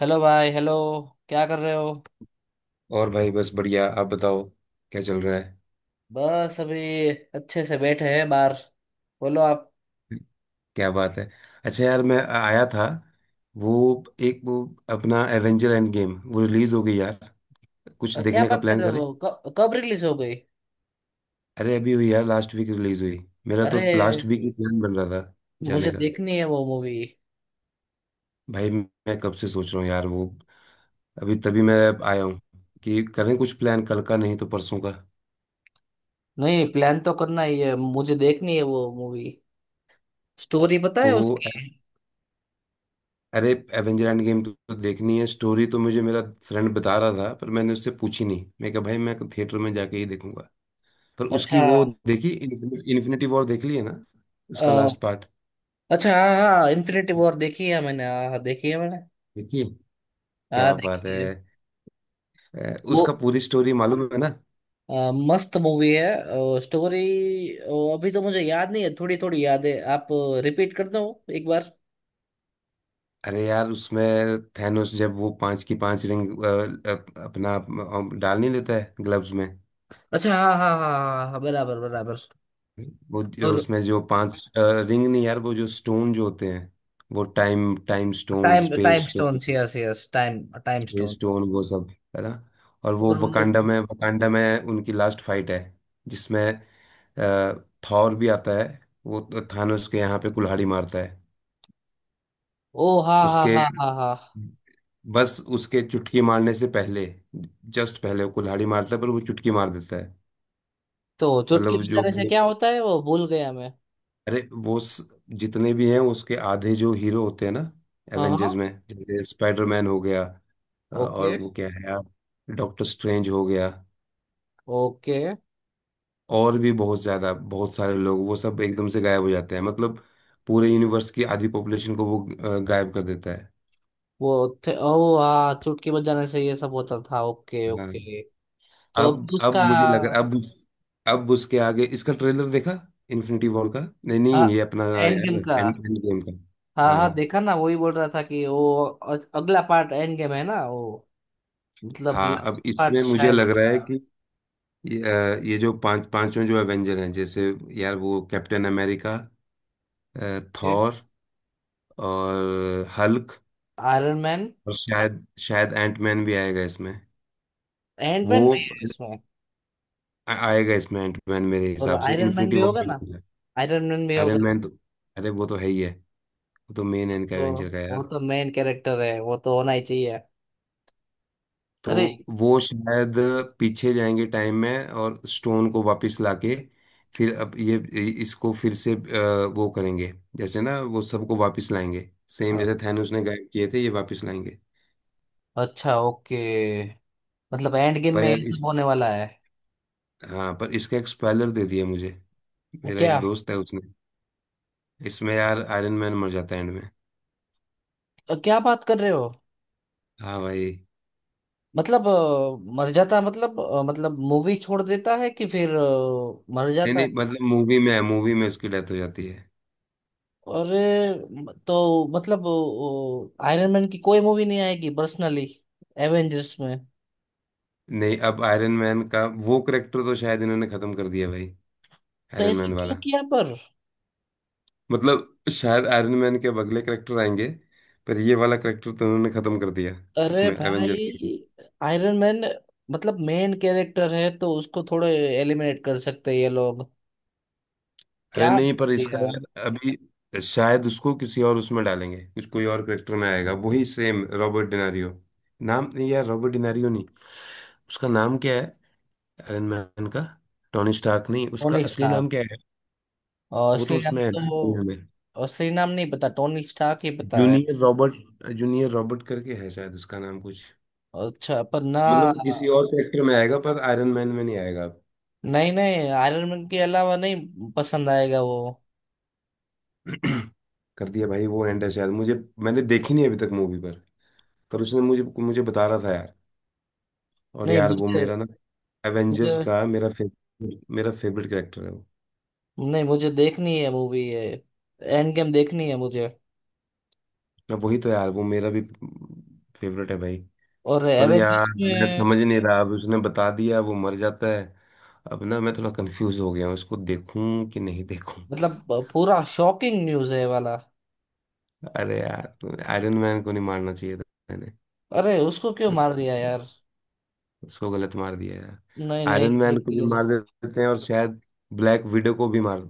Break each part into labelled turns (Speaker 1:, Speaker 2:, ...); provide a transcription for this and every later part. Speaker 1: Hello भाई, hello. क्या कर रहे हो।
Speaker 2: और भाई बस बढ़िया। आप बताओ क्या चल रहा है?
Speaker 1: बस अभी अच्छे से बैठे हैं बाहर। बोलो आप।
Speaker 2: क्या बात है। अच्छा यार मैं आया था वो एक वो अपना एवेंजर एंड गेम वो रिलीज हो गई यार। कुछ
Speaker 1: क्या
Speaker 2: देखने का
Speaker 1: बात कर
Speaker 2: प्लान
Speaker 1: रहे
Speaker 2: करें।
Speaker 1: हो, कब रिलीज हो गई।
Speaker 2: अरे अभी हुई यार, लास्ट वीक रिलीज हुई। मेरा तो लास्ट वीक ही
Speaker 1: अरे
Speaker 2: प्लान बन रहा था जाने
Speaker 1: मुझे
Speaker 2: का।
Speaker 1: देखनी है वो मूवी।
Speaker 2: भाई मैं कब से सोच रहा हूँ यार वो, अभी तभी मैं आया हूँ कि करें कुछ प्लान कल का, नहीं तो परसों का।
Speaker 1: नहीं, प्लान तो करना ही है, मुझे देखनी है वो मूवी। स्टोरी पता है
Speaker 2: तो
Speaker 1: उसकी।
Speaker 2: अरे, एवेंजर एंड गेम तो देखनी है। स्टोरी तो मुझे मेरा फ्रेंड बता रहा था, पर मैंने उससे पूछी नहीं। मैं कहा भाई मैं थिएटर में जाके ही देखूंगा। पर उसकी
Speaker 1: अच्छा।
Speaker 2: वो देखी, इन्फिनिटी वॉर देख ली है ना,
Speaker 1: अ,
Speaker 2: उसका लास्ट पार्ट?
Speaker 1: अच्छा हाँ हाँ, इन्फिनिटी वॉर देखी है मैंने, हाँ हाँ देखी है मैंने।
Speaker 2: देखिए
Speaker 1: हाँ
Speaker 2: क्या बात
Speaker 1: देखी
Speaker 2: है।
Speaker 1: है। वो
Speaker 2: उसका पूरी स्टोरी मालूम है ना।
Speaker 1: अ, मस्त मूवी है स्टोरी। अभी तो मुझे याद नहीं है, थोड़ी थोड़ी याद है। आप रिपीट कर दो एक बार।
Speaker 2: अरे यार उसमें थैनोस जब वो पांच की पांच रिंग अपना डाल नहीं लेता है ग्लव्स में।
Speaker 1: अच्छा हाँ हाँ हाँ हाँ हाँ, हाँ, बराबर बराबर।
Speaker 2: वो जो
Speaker 1: और
Speaker 2: उसमें जो पांच रिंग नहीं यार, वो जो स्टोन जो होते हैं, वो time time stone,
Speaker 1: time
Speaker 2: space
Speaker 1: time stone,
Speaker 2: stone,
Speaker 1: yes yes, time time stone.
Speaker 2: Stone, वो सब है ना। और वो
Speaker 1: और वो-
Speaker 2: वकांडा में उनकी लास्ट फाइट है जिसमें थॉर भी आता है। वो तो थानोस के यहाँ पे कुल्हाड़ी मारता है
Speaker 1: ओ हाँ हाँ
Speaker 2: उसके,
Speaker 1: हाँ हाँ हाँ।
Speaker 2: बस उसके चुटकी मारने से पहले, जस्ट पहले वो कुल्हाड़ी मारता है पर वो चुटकी मार देता है।
Speaker 1: तो चुटकी
Speaker 2: मतलब जो,
Speaker 1: बजाने से क्या होता है, वो भूल गया मैं।
Speaker 2: अरे जितने भी हैं उसके आधे जो हीरो होते हैं ना,
Speaker 1: हाँ
Speaker 2: एवेंजर्स
Speaker 1: हाँ,
Speaker 2: में, जैसे स्पाइडरमैन हो गया, और
Speaker 1: ओके
Speaker 2: वो क्या है यार डॉक्टर स्ट्रेंज हो गया,
Speaker 1: ओके।
Speaker 2: और भी बहुत ज्यादा बहुत सारे लोग, वो सब एकदम से गायब हो जाते हैं। मतलब पूरे यूनिवर्स की आधी पॉपुलेशन को वो गायब कर देता है।
Speaker 1: वो थे ओ हाँ, चुटकी बजाने से ये सब होता था। ओके
Speaker 2: हाँ।
Speaker 1: ओके। तो
Speaker 2: अब
Speaker 1: अभी
Speaker 2: अब
Speaker 1: उसका
Speaker 2: मुझे लग रहा अब उसके आगे इसका ट्रेलर देखा इन्फिनिटी वॉर का। नहीं नहीं ये अपना,
Speaker 1: एंड गेम
Speaker 2: यार
Speaker 1: का
Speaker 2: एंड एंड गेम का
Speaker 1: हाँ। हाँ
Speaker 2: हाँ।
Speaker 1: देखा ना, वही बोल रहा था कि वो अगला पार्ट एंड गेम है ना वो। मतलब
Speaker 2: हाँ अब
Speaker 1: पार्ट
Speaker 2: इसमें मुझे
Speaker 1: शायद
Speaker 2: लग रहा है कि
Speaker 1: होगा।
Speaker 2: ये जो पांच पांचों जो एवेंजर हैं, जैसे यार वो कैप्टन अमेरिका, थॉर, और हल्क
Speaker 1: आयरन मैन
Speaker 2: और शायद शायद एंटमैन भी आएगा इसमें,
Speaker 1: एंड
Speaker 2: वो
Speaker 1: मैन भी है इसमें।
Speaker 2: आएगा इसमें एंटमैन, मेरे
Speaker 1: और
Speaker 2: हिसाब से
Speaker 1: आयरन मैन
Speaker 2: इन्फिनिटी
Speaker 1: भी
Speaker 2: वॉर
Speaker 1: होगा
Speaker 2: में
Speaker 1: ना,
Speaker 2: नहीं है।
Speaker 1: आयरन मैन भी होगा।
Speaker 2: आयरन मैन तो, अरे वो तो है ही है। वो तो मेन है इनका
Speaker 1: तो
Speaker 2: एवेंजर का
Speaker 1: वो
Speaker 2: यार।
Speaker 1: तो मेन कैरेक्टर है, वो तो होना ही चाहिए। अरे।
Speaker 2: तो वो शायद पीछे जाएंगे टाइम में और स्टोन को वापस लाके फिर, अब ये, इसको फिर से वो करेंगे जैसे ना, वो सबको वापस लाएंगे, सेम
Speaker 1: अ-
Speaker 2: जैसे थैनोस ने गायब किए थे ये वापस लाएंगे।
Speaker 1: अच्छा ओके, मतलब एंड गेम
Speaker 2: पर
Speaker 1: में
Speaker 2: यार
Speaker 1: ये
Speaker 2: इस,
Speaker 1: सब होने वाला है।
Speaker 2: हाँ पर इसका एक स्पॉइलर दे दिया मुझे। मेरा एक
Speaker 1: क्या।
Speaker 2: दोस्त है उसने, इसमें यार आयरन मैन मर जाता है एंड में।
Speaker 1: क्या बात कर रहे हो।
Speaker 2: हाँ भाई।
Speaker 1: मतलब मर जाता, मतलब मतलब मूवी छोड़ देता है कि फिर मर
Speaker 2: नहीं
Speaker 1: जाता।
Speaker 2: नहीं, मतलब मूवी में है, मूवी में उसकी डेथ हो जाती है।
Speaker 1: अरे तो मतलब आयरन मैन की कोई मूवी नहीं आएगी पर्सनली, एवेंजर्स में।
Speaker 2: नहीं अब आयरन मैन का वो करेक्टर तो शायद इन्होंने खत्म कर दिया भाई, आयरन
Speaker 1: पैसा
Speaker 2: मैन वाला।
Speaker 1: क्यों किया पर।
Speaker 2: मतलब शायद आयरन मैन के अब अगले करेक्टर आएंगे, पर ये वाला करेक्टर तो उन्होंने खत्म कर दिया
Speaker 1: अरे
Speaker 2: इसमें एवेंजर।
Speaker 1: भाई, आयरन मैन मतलब मेन कैरेक्टर है, तो उसको थोड़े एलिमिनेट कर सकते हैं ये लोग।
Speaker 2: अरे
Speaker 1: क्या
Speaker 2: नहीं
Speaker 1: बना
Speaker 2: पर इसका
Speaker 1: दिया।
Speaker 2: यार, अभी शायद उसको किसी और उसमें डालेंगे कुछ, कोई और करेक्टर में आएगा वही सेम रॉबर्ट डिनारियो। नाम नहीं यार, रॉबर्ट डिनारियो नहीं। उसका नाम क्या है आयरन मैन का? टोनी स्टार्क नहीं, उसका
Speaker 1: टोनी
Speaker 2: असली नाम
Speaker 1: स्टार्क
Speaker 2: क्या है?
Speaker 1: और
Speaker 2: वो तो
Speaker 1: असली नाम
Speaker 2: उसमें है ना दुनिया
Speaker 1: तो,
Speaker 2: में।
Speaker 1: असली नाम नहीं पता, टोनी स्टार्क ही पता है।
Speaker 2: जूनियर रॉबर्ट, जूनियर रॉबर्ट करके है शायद उसका नाम कुछ।
Speaker 1: अच्छा पर ना,
Speaker 2: मतलब किसी और कैरेक्टर में आएगा, पर आयरन मैन में नहीं आएगा।
Speaker 1: नहीं नहीं आयरन मैन के अलावा नहीं पसंद आएगा वो।
Speaker 2: कर दिया भाई, वो एंड है शायद मुझे। मैंने देखी नहीं अभी तक मूवी पर उसने मुझे, मुझे बता रहा था यार। और
Speaker 1: नहीं
Speaker 2: यार वो
Speaker 1: मुझे,
Speaker 2: मेरा ना
Speaker 1: मुझे,
Speaker 2: एवेंजर्स का मेरा फेवरेट, मेरा फेवरेट कैरेक्टर है वो।
Speaker 1: नहीं मुझे देखनी है मूवी ये, एंड गेम देखनी है मुझे।
Speaker 2: मैं वही तो, यार वो मेरा भी फेवरेट है भाई।
Speaker 1: और
Speaker 2: पर यार
Speaker 1: एवेंजर्स
Speaker 2: मैं
Speaker 1: में
Speaker 2: समझ नहीं रहा अब, उसने बता दिया वो मर जाता है, अब ना मैं थोड़ा कंफ्यूज हो गया हूँ इसको देखूं कि नहीं देखूं।
Speaker 1: मतलब पूरा शॉकिंग न्यूज है ये वाला।
Speaker 2: अरे यार आयरन मैन को नहीं मारना चाहिए था। मैंने,
Speaker 1: अरे उसको क्यों
Speaker 2: उस,
Speaker 1: मार दिया यार।
Speaker 2: उसको गलत मार दिया यार।
Speaker 1: नहीं नहीं,
Speaker 2: आयरन
Speaker 1: ये
Speaker 2: मैन को भी
Speaker 1: गलत
Speaker 2: मार
Speaker 1: हो गया।
Speaker 2: देते हैं और शायद ब्लैक विडो को भी मार अ,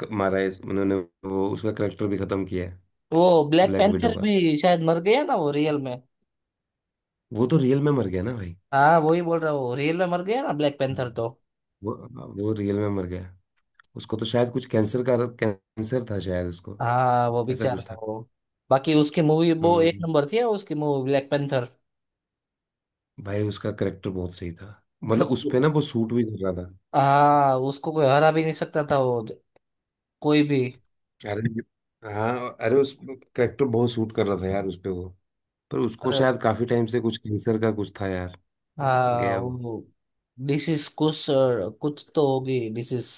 Speaker 2: क- मारा है, उन्होंने। वो उसका करेक्टर भी खत्म किया है,
Speaker 1: वो ब्लैक
Speaker 2: ब्लैक विडो
Speaker 1: पैंथर
Speaker 2: का।
Speaker 1: भी शायद मर गया ना, वो रियल में।
Speaker 2: वो तो रियल में मर गया ना भाई।
Speaker 1: हाँ वही बोल रहा हूँ, रियल में मर गया ना ब्लैक पैंथर
Speaker 2: हम्म।
Speaker 1: तो।
Speaker 2: वो वो रियल में मर गया। उसको तो शायद कुछ कैंसर का, कैंसर था शायद उसको,
Speaker 1: हाँ वो
Speaker 2: ऐसा कुछ
Speaker 1: बेचारा,
Speaker 2: था।
Speaker 1: वो, बाकी उसकी मूवी वो एक
Speaker 2: हम्म
Speaker 1: नंबर थी उसकी मूवी ब्लैक पैंथर।
Speaker 2: भाई उसका करेक्टर बहुत सही था, मतलब
Speaker 1: मतलब
Speaker 2: उस पे ना वो सूट भी कर रहा था।
Speaker 1: हाँ, उसको कोई हरा भी नहीं सकता था वो, कोई भी।
Speaker 2: अरे हाँ अरे उस, करेक्टर बहुत सूट कर रहा था यार उस पे वो। पर उसको शायद काफी टाइम से कुछ कैंसर का कुछ था यार, वो
Speaker 1: हाँ
Speaker 2: गया वो।
Speaker 1: वो डिसीज, कुछ कुछ तो होगी डिसीज।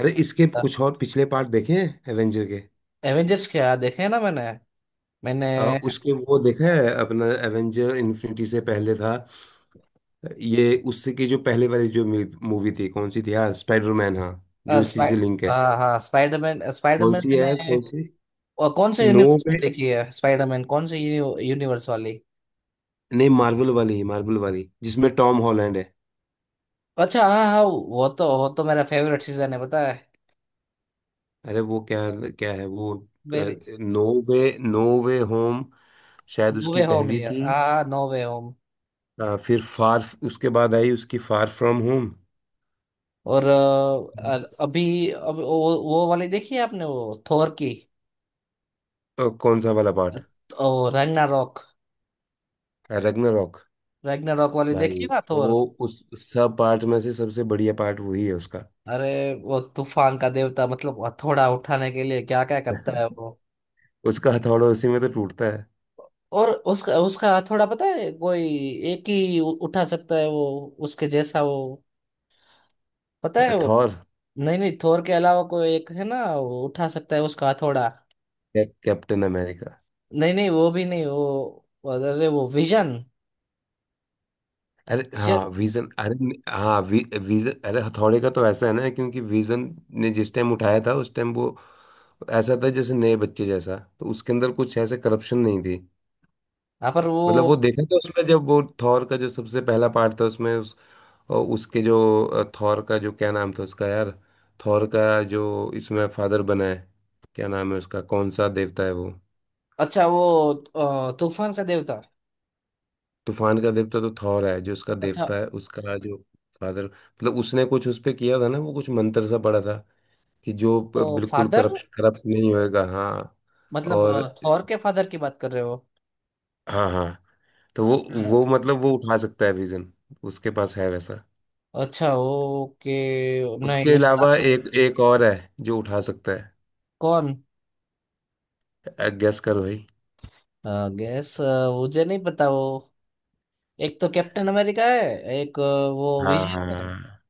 Speaker 2: अरे इसके कुछ और पिछले पार्ट देखे हैं एवेंजर के?
Speaker 1: एवेंजर्स क्या देखे हैं ना मैंने, मैंने
Speaker 2: उसके वो देखा है अपना एवेंजर इन्फिनिटी से पहले था ये, उससे की जो पहले वाली जो मूवी थी कौन सी थी यार, स्पाइडरमैन हाँ, जो इसी
Speaker 1: स्पाइ,
Speaker 2: से लिंक है।
Speaker 1: हाँ हाँ स्पाइडरमैन,
Speaker 2: कौन
Speaker 1: स्पाइडरमैन
Speaker 2: सी है,
Speaker 1: मैंने।
Speaker 2: कौन सी?
Speaker 1: कौन से
Speaker 2: नो
Speaker 1: यूनिवर्स की
Speaker 2: पे,
Speaker 1: देखी है स्पाइडरमैन कौन से यूनिवर्स वाली।
Speaker 2: नहीं मार्वल वाली, मार्वल वाली जिसमें टॉम हॉलैंड है।
Speaker 1: अच्छा हाँ हाँ, वो तो मेरा फेवरेट सीजन है पता है।
Speaker 2: अरे वो क्या, क्या है वो,
Speaker 1: मेरी,
Speaker 2: no way, no way home, शायद
Speaker 1: नो
Speaker 2: उसकी
Speaker 1: वे होम
Speaker 2: पहली
Speaker 1: है
Speaker 2: थी।
Speaker 1: हाँ, नो वे होम।
Speaker 2: फिर फार, उसके बाद आई उसकी फार फ्रॉम होम।
Speaker 1: और अभी अब वो वाली देखी है आपने वो थोर की।
Speaker 2: कौन सा वाला पार्ट?
Speaker 1: ओ रैग्नारोक,
Speaker 2: रग्नारॉक।
Speaker 1: रैग्नारोक वाली देखी
Speaker 2: भाई
Speaker 1: है ना थोर।
Speaker 2: वो उस सब पार्ट में से सबसे बढ़िया पार्ट वही है उसका।
Speaker 1: अरे वो तूफान का देवता, मतलब हथौड़ा उठाने के लिए क्या क्या करता है वो।
Speaker 2: उसका हथौड़ा उसी में तो टूटता है।
Speaker 1: और उसका उसका हथौड़ा पता है, कोई एक ही उठा सकता है वो, उसके जैसा वो, पता है वो।
Speaker 2: थॉर,
Speaker 1: नहीं नहीं थोर के अलावा कोई एक है ना, वो उठा सकता है उसका हथौड़ा।
Speaker 2: Captain America.
Speaker 1: नहीं नहीं वो भी नहीं वो, अरे वो विजन,
Speaker 2: अरे हाँ
Speaker 1: विजन।
Speaker 2: विजन, अरे हाँ विजन। अरे हथौड़े का तो ऐसा है ना, क्योंकि विजन ने जिस टाइम उठाया था उस टाइम वो ऐसा था जैसे नए बच्चे जैसा, तो उसके अंदर कुछ ऐसे करप्शन नहीं थी।
Speaker 1: हाँ पर
Speaker 2: मतलब
Speaker 1: वो,
Speaker 2: वो देखा था उसमें जब वो थॉर का जो सबसे पहला पार्ट था उसमें उस, और उसके जो थॉर का जो क्या नाम था उसका यार, थॉर का जो इसमें फादर बना है, क्या नाम है उसका, कौन सा देवता है वो?
Speaker 1: अच्छा वो तूफान का देवता।
Speaker 2: तूफान का देवता तो थॉर है, जो उसका
Speaker 1: अच्छा।
Speaker 2: देवता है उसका जो फादर, मतलब उसने कुछ उस पे किया था ना, वो कुछ मंत्र सा पड़ा था कि जो
Speaker 1: तो
Speaker 2: बिल्कुल
Speaker 1: फादर
Speaker 2: करप्शन करप्ट नहीं होएगा हाँ
Speaker 1: मतलब
Speaker 2: और।
Speaker 1: थोर के फादर की बात कर रहे हो।
Speaker 2: हाँ हाँ। तो वो मतलब वो उठा सकता है विजन, उसके पास है वैसा।
Speaker 1: अच्छा ओके।
Speaker 2: उसके
Speaker 1: नहीं उसका
Speaker 2: अलावा
Speaker 1: तो,
Speaker 2: एक एक और है जो उठा सकता
Speaker 1: कौन।
Speaker 2: है, गेस करो भाई।
Speaker 1: गैस, मुझे नहीं पता वो। एक तो कैप्टन अमेरिका है, एक वो
Speaker 2: हाँ
Speaker 1: विजन है।
Speaker 2: हाँ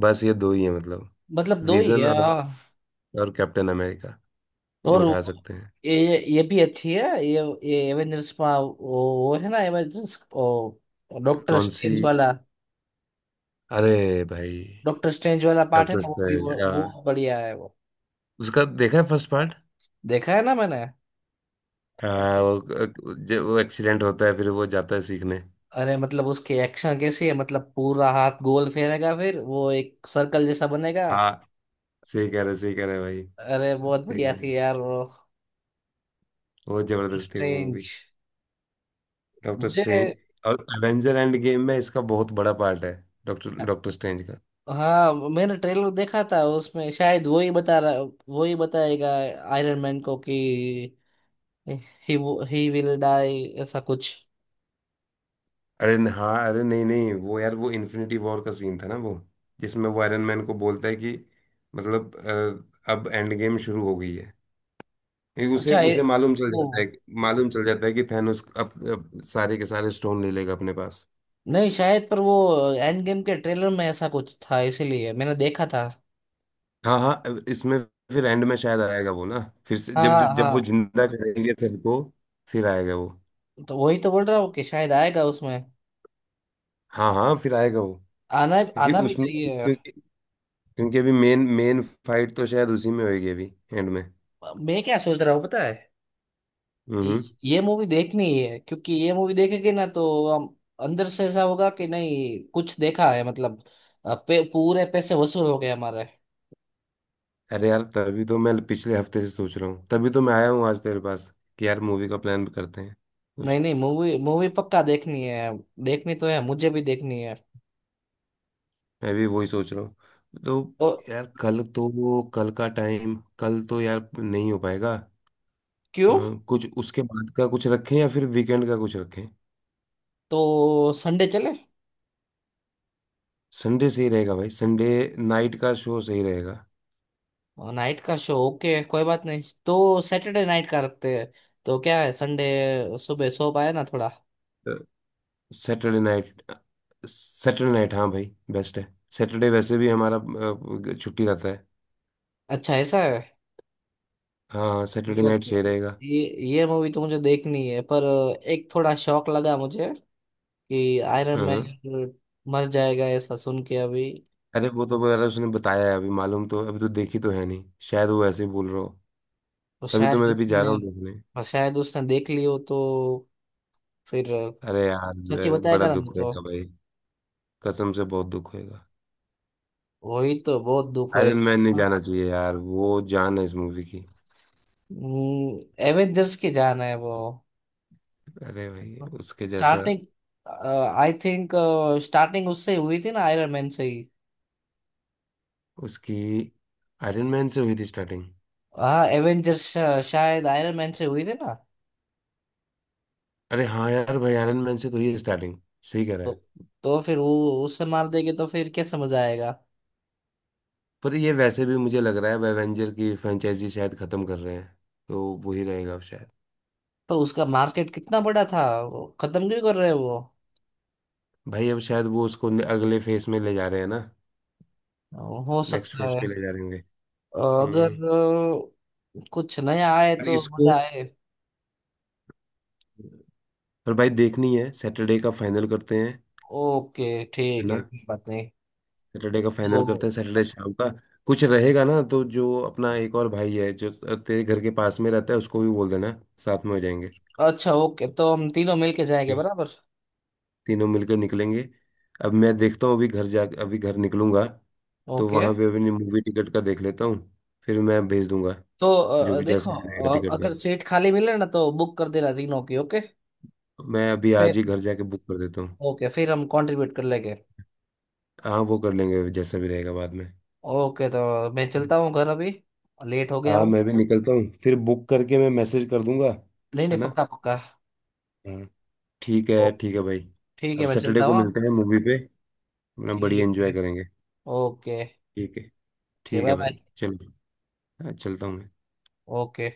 Speaker 2: बस ये दो ही है मतलब,
Speaker 1: मतलब दो ही
Speaker 2: विजन
Speaker 1: है
Speaker 2: और
Speaker 1: हाँ।
Speaker 2: और कैप्टन अमेरिका, जो
Speaker 1: और
Speaker 2: उठा
Speaker 1: वो-
Speaker 2: सकते हैं।
Speaker 1: ये भी अच्छी है ये एवेंजर्स में वो है ना एवेंजर्स, डॉक्टर
Speaker 2: कौन सी?
Speaker 1: स्ट्रेंज वाला,
Speaker 2: अरे भाई
Speaker 1: डॉक्टर स्ट्रेंज वाला पार्ट है ना वो भी,
Speaker 2: कैप्टन,
Speaker 1: वो बढ़िया है वो।
Speaker 2: उसका देखा है फर्स्ट पार्ट?
Speaker 1: देखा है ना मैंने।
Speaker 2: हाँ
Speaker 1: Okay.
Speaker 2: वो, जो वो एक्सीडेंट होता है फिर वो जाता है सीखने।
Speaker 1: अरे मतलब उसकी एक्शन कैसी है, मतलब पूरा हाथ गोल फेरेगा, फिर वो एक सर्कल जैसा बनेगा।
Speaker 2: हाँ सही कह रहे, सही कह रहे भाई,
Speaker 1: अरे बहुत
Speaker 2: सही
Speaker 1: बढ़िया
Speaker 2: कह रहे।
Speaker 1: थी यार वो,
Speaker 2: बहुत जबरदस्त थी वो मूवी,
Speaker 1: स्ट्रेंज।
Speaker 2: डॉक्टर
Speaker 1: मुझे
Speaker 2: स्ट्रेंज। और एवेंजर एंड गेम में इसका बहुत बड़ा पार्ट है, डॉक्टर डॉक्टर स्ट्रेंज का।
Speaker 1: हाँ, मैंने ट्रेलर देखा था उसमें शायद वो ही बता रहा, वो ही बताएगा आयरन मैन को कि ही ही विल डाई, ऐसा कुछ।
Speaker 2: अरे हाँ, अरे नहीं नहीं, वो यार वो इन्फिनिटी वॉर का सीन था ना वो, जिसमें वो आयरन मैन को बोलता है कि मतलब अब एंड गेम शुरू हो गई है, ये उसे
Speaker 1: अच्छा ये-
Speaker 2: उसे मालूम चल
Speaker 1: वो
Speaker 2: जाता है, मालूम चल जाता है कि थैनोस अब सारे के सारे स्टोन ले लेगा अपने पास।
Speaker 1: नहीं शायद पर, वो एंड गेम के ट्रेलर में ऐसा कुछ था इसीलिए मैंने देखा था।
Speaker 2: हाँ हाँ। इसमें फिर एंड में शायद आएगा वो ना, फिर से जब
Speaker 1: हाँ
Speaker 2: जब, जब वो
Speaker 1: हाँ,
Speaker 2: जिंदा करेंगे सबको, फिर आएगा वो।
Speaker 1: तो वही तो बोल रहा हूँ कि शायद आएगा उसमें।
Speaker 2: हाँ हाँ फिर आएगा वो।
Speaker 1: आना,
Speaker 2: क्योंकि
Speaker 1: आना भी
Speaker 2: उसमें
Speaker 1: चाहिए।
Speaker 2: क्योंकि क्योंकि अभी मेन मेन फाइट तो शायद उसी में होगी अभी एंड में।
Speaker 1: मैं क्या सोच रहा हूँ पता है। ये
Speaker 2: हम्म
Speaker 1: ये मूवी देखनी है क्योंकि ये मूवी देखेंगे ना तो हम अंदर से ऐसा होगा कि नहीं कुछ देखा है, मतलब पूरे पैसे वसूल हो गए हमारे।
Speaker 2: अरे यार तभी तो मैं पिछले हफ्ते से सोच रहा हूँ, तभी तो मैं आया हूँ आज तेरे पास कि यार मूवी का प्लान करते हैं
Speaker 1: नहीं
Speaker 2: कुछ।
Speaker 1: नहीं, मूवी मूवी पक्का देखनी है, देखनी तो है, मुझे भी देखनी है।
Speaker 2: मैं भी वही सोच रहा हूँ। तो
Speaker 1: तो
Speaker 2: यार कल तो वो, कल का टाइम कल तो यार नहीं हो पाएगा। अ,
Speaker 1: क्यों।
Speaker 2: कुछ उसके बाद का कुछ रखें या फिर वीकेंड का कुछ रखें।
Speaker 1: तो संडे चले।
Speaker 2: संडे सही रहेगा भाई, संडे नाइट का शो सही रहेगा।
Speaker 1: नाइट का शो ओके, कोई बात नहीं, तो सैटरडे नाइट का रखते हैं। तो क्या है संडे सुबह सो पाए ना थोड़ा।
Speaker 2: सैटरडे नाइट, सैटरडे नाइट हाँ भाई, बेस्ट है। सैटरडे वैसे भी हमारा छुट्टी रहता है।
Speaker 1: अच्छा ऐसा है।
Speaker 2: हाँ सैटरडे
Speaker 1: ओके
Speaker 2: नाइट सही
Speaker 1: तो
Speaker 2: रहेगा।
Speaker 1: ये ये मूवी तो मुझे देखनी है पर एक थोड़ा शौक लगा मुझे कि आयरन
Speaker 2: हाँ।
Speaker 1: मैन मर जाएगा ऐसा सुन के अभी।
Speaker 2: अरे वो तो वगैरह उसने बताया है, अभी मालूम तो, अभी तो देखी तो है नहीं, शायद वो ऐसे ही बोल रहा हो।
Speaker 1: तो
Speaker 2: तभी तो
Speaker 1: शायद
Speaker 2: मैं अभी जा रहा
Speaker 1: उसने,
Speaker 2: हूँ देखने।
Speaker 1: और शायद उसने देख लियो तो फिर
Speaker 2: अरे यार
Speaker 1: सच्ची
Speaker 2: बड़ा
Speaker 1: बताएगा ना नहीं
Speaker 2: दुख
Speaker 1: तो।
Speaker 2: होएगा भाई, कसम से बहुत दुख होएगा।
Speaker 1: वही तो, बहुत दुख
Speaker 2: आयरन
Speaker 1: होएगा।
Speaker 2: मैन नहीं जाना चाहिए यार, वो जान है इस मूवी की।
Speaker 1: हम्म, एवेंजर्स की जान है वो।
Speaker 2: अरे भाई उसके जैसा,
Speaker 1: स्टार्टिंग, आई थिंक स्टार्टिंग उससे ही हुई थी ना आयरन मैन से ही।
Speaker 2: उसकी आयरन मैन से हुई थी स्टार्टिंग।
Speaker 1: हाँ एवेंजर्स शायद आयरन मैन से हुई थी ना।
Speaker 2: अरे हाँ यार भाई आयरन मैन से तो ये स्टार्टिंग, सही कह रहा है।
Speaker 1: तो तो फिर वो उससे मार देंगे तो फिर क्या समझ आएगा।
Speaker 2: पर ये वैसे भी मुझे लग रहा है एवेंजर की फ्रेंचाइजी शायद खत्म कर रहे हैं, तो वही रहेगा अब शायद।
Speaker 1: तो उसका मार्केट कितना बड़ा था, वो खत्म क्यों कर रहे हैं वो।
Speaker 2: भाई अब शायद वो उसको अगले फेस में ले जा रहे हैं ना,
Speaker 1: हो
Speaker 2: नेक्स्ट
Speaker 1: सकता
Speaker 2: फेस
Speaker 1: है।
Speaker 2: पे ले जा रहे होंगे।
Speaker 1: अगर
Speaker 2: हम्म
Speaker 1: कुछ नया आए
Speaker 2: पर
Speaker 1: तो
Speaker 2: इसको,
Speaker 1: मजा आए।
Speaker 2: पर भाई देखनी है। सैटरडे का फाइनल करते हैं,
Speaker 1: ओके
Speaker 2: है
Speaker 1: ठीक
Speaker 2: ना?
Speaker 1: है, कोई बात नहीं
Speaker 2: सैटरडे का
Speaker 1: तो।
Speaker 2: फाइनल करते हैं, सैटरडे शाम का कुछ रहेगा ना, तो जो अपना एक और भाई है जो तेरे घर के पास में रहता है उसको भी बोल देना, साथ में हो जाएंगे,
Speaker 1: अच्छा ओके, तो हम तीनों मिलके जाएंगे बराबर।
Speaker 2: तीनों मिलकर निकलेंगे। अब मैं देखता हूँ, अभी घर जा, अभी घर निकलूंगा तो
Speaker 1: ओके
Speaker 2: वहां पे अभी मूवी टिकट का देख लेता हूँ, फिर मैं भेज दूंगा।
Speaker 1: तो
Speaker 2: जो भी
Speaker 1: देखो
Speaker 2: जैसा भी रहेगा टिकट
Speaker 1: अगर
Speaker 2: का,
Speaker 1: सीट खाली मिले ना तो बुक कर देना तीनों की ओके।
Speaker 2: मैं अभी
Speaker 1: फिर
Speaker 2: आज ही घर जाके बुक कर देता हूँ।
Speaker 1: ओके, फिर हम कंट्रीब्यूट कर लेंगे।
Speaker 2: हाँ वो कर लेंगे जैसा भी रहेगा बाद में।
Speaker 1: ओके तो मैं चलता हूँ घर अभी, लेट हो गया
Speaker 2: हाँ
Speaker 1: हूँ।
Speaker 2: मैं भी निकलता हूँ, फिर बुक करके मैं मैसेज कर दूंगा।
Speaker 1: नहीं
Speaker 2: है
Speaker 1: नहीं,
Speaker 2: ना?
Speaker 1: पक्का पक्का।
Speaker 2: हाँ। ठीक है
Speaker 1: ओके
Speaker 2: भाई।
Speaker 1: ठीक है,
Speaker 2: अब
Speaker 1: मैं
Speaker 2: सैटरडे
Speaker 1: चलता
Speaker 2: को
Speaker 1: हूँ हाँ?
Speaker 2: मिलते हैं मूवी पे, अपना बढ़िया
Speaker 1: ठीक
Speaker 2: एंजॉय
Speaker 1: है।
Speaker 2: करेंगे।
Speaker 1: ओके।
Speaker 2: ठीक है,
Speaker 1: ओके
Speaker 2: ठीक
Speaker 1: बाय
Speaker 2: है
Speaker 1: बाय।
Speaker 2: भाई चलो। हाँ, चलता हूँ मैं।
Speaker 1: ओके।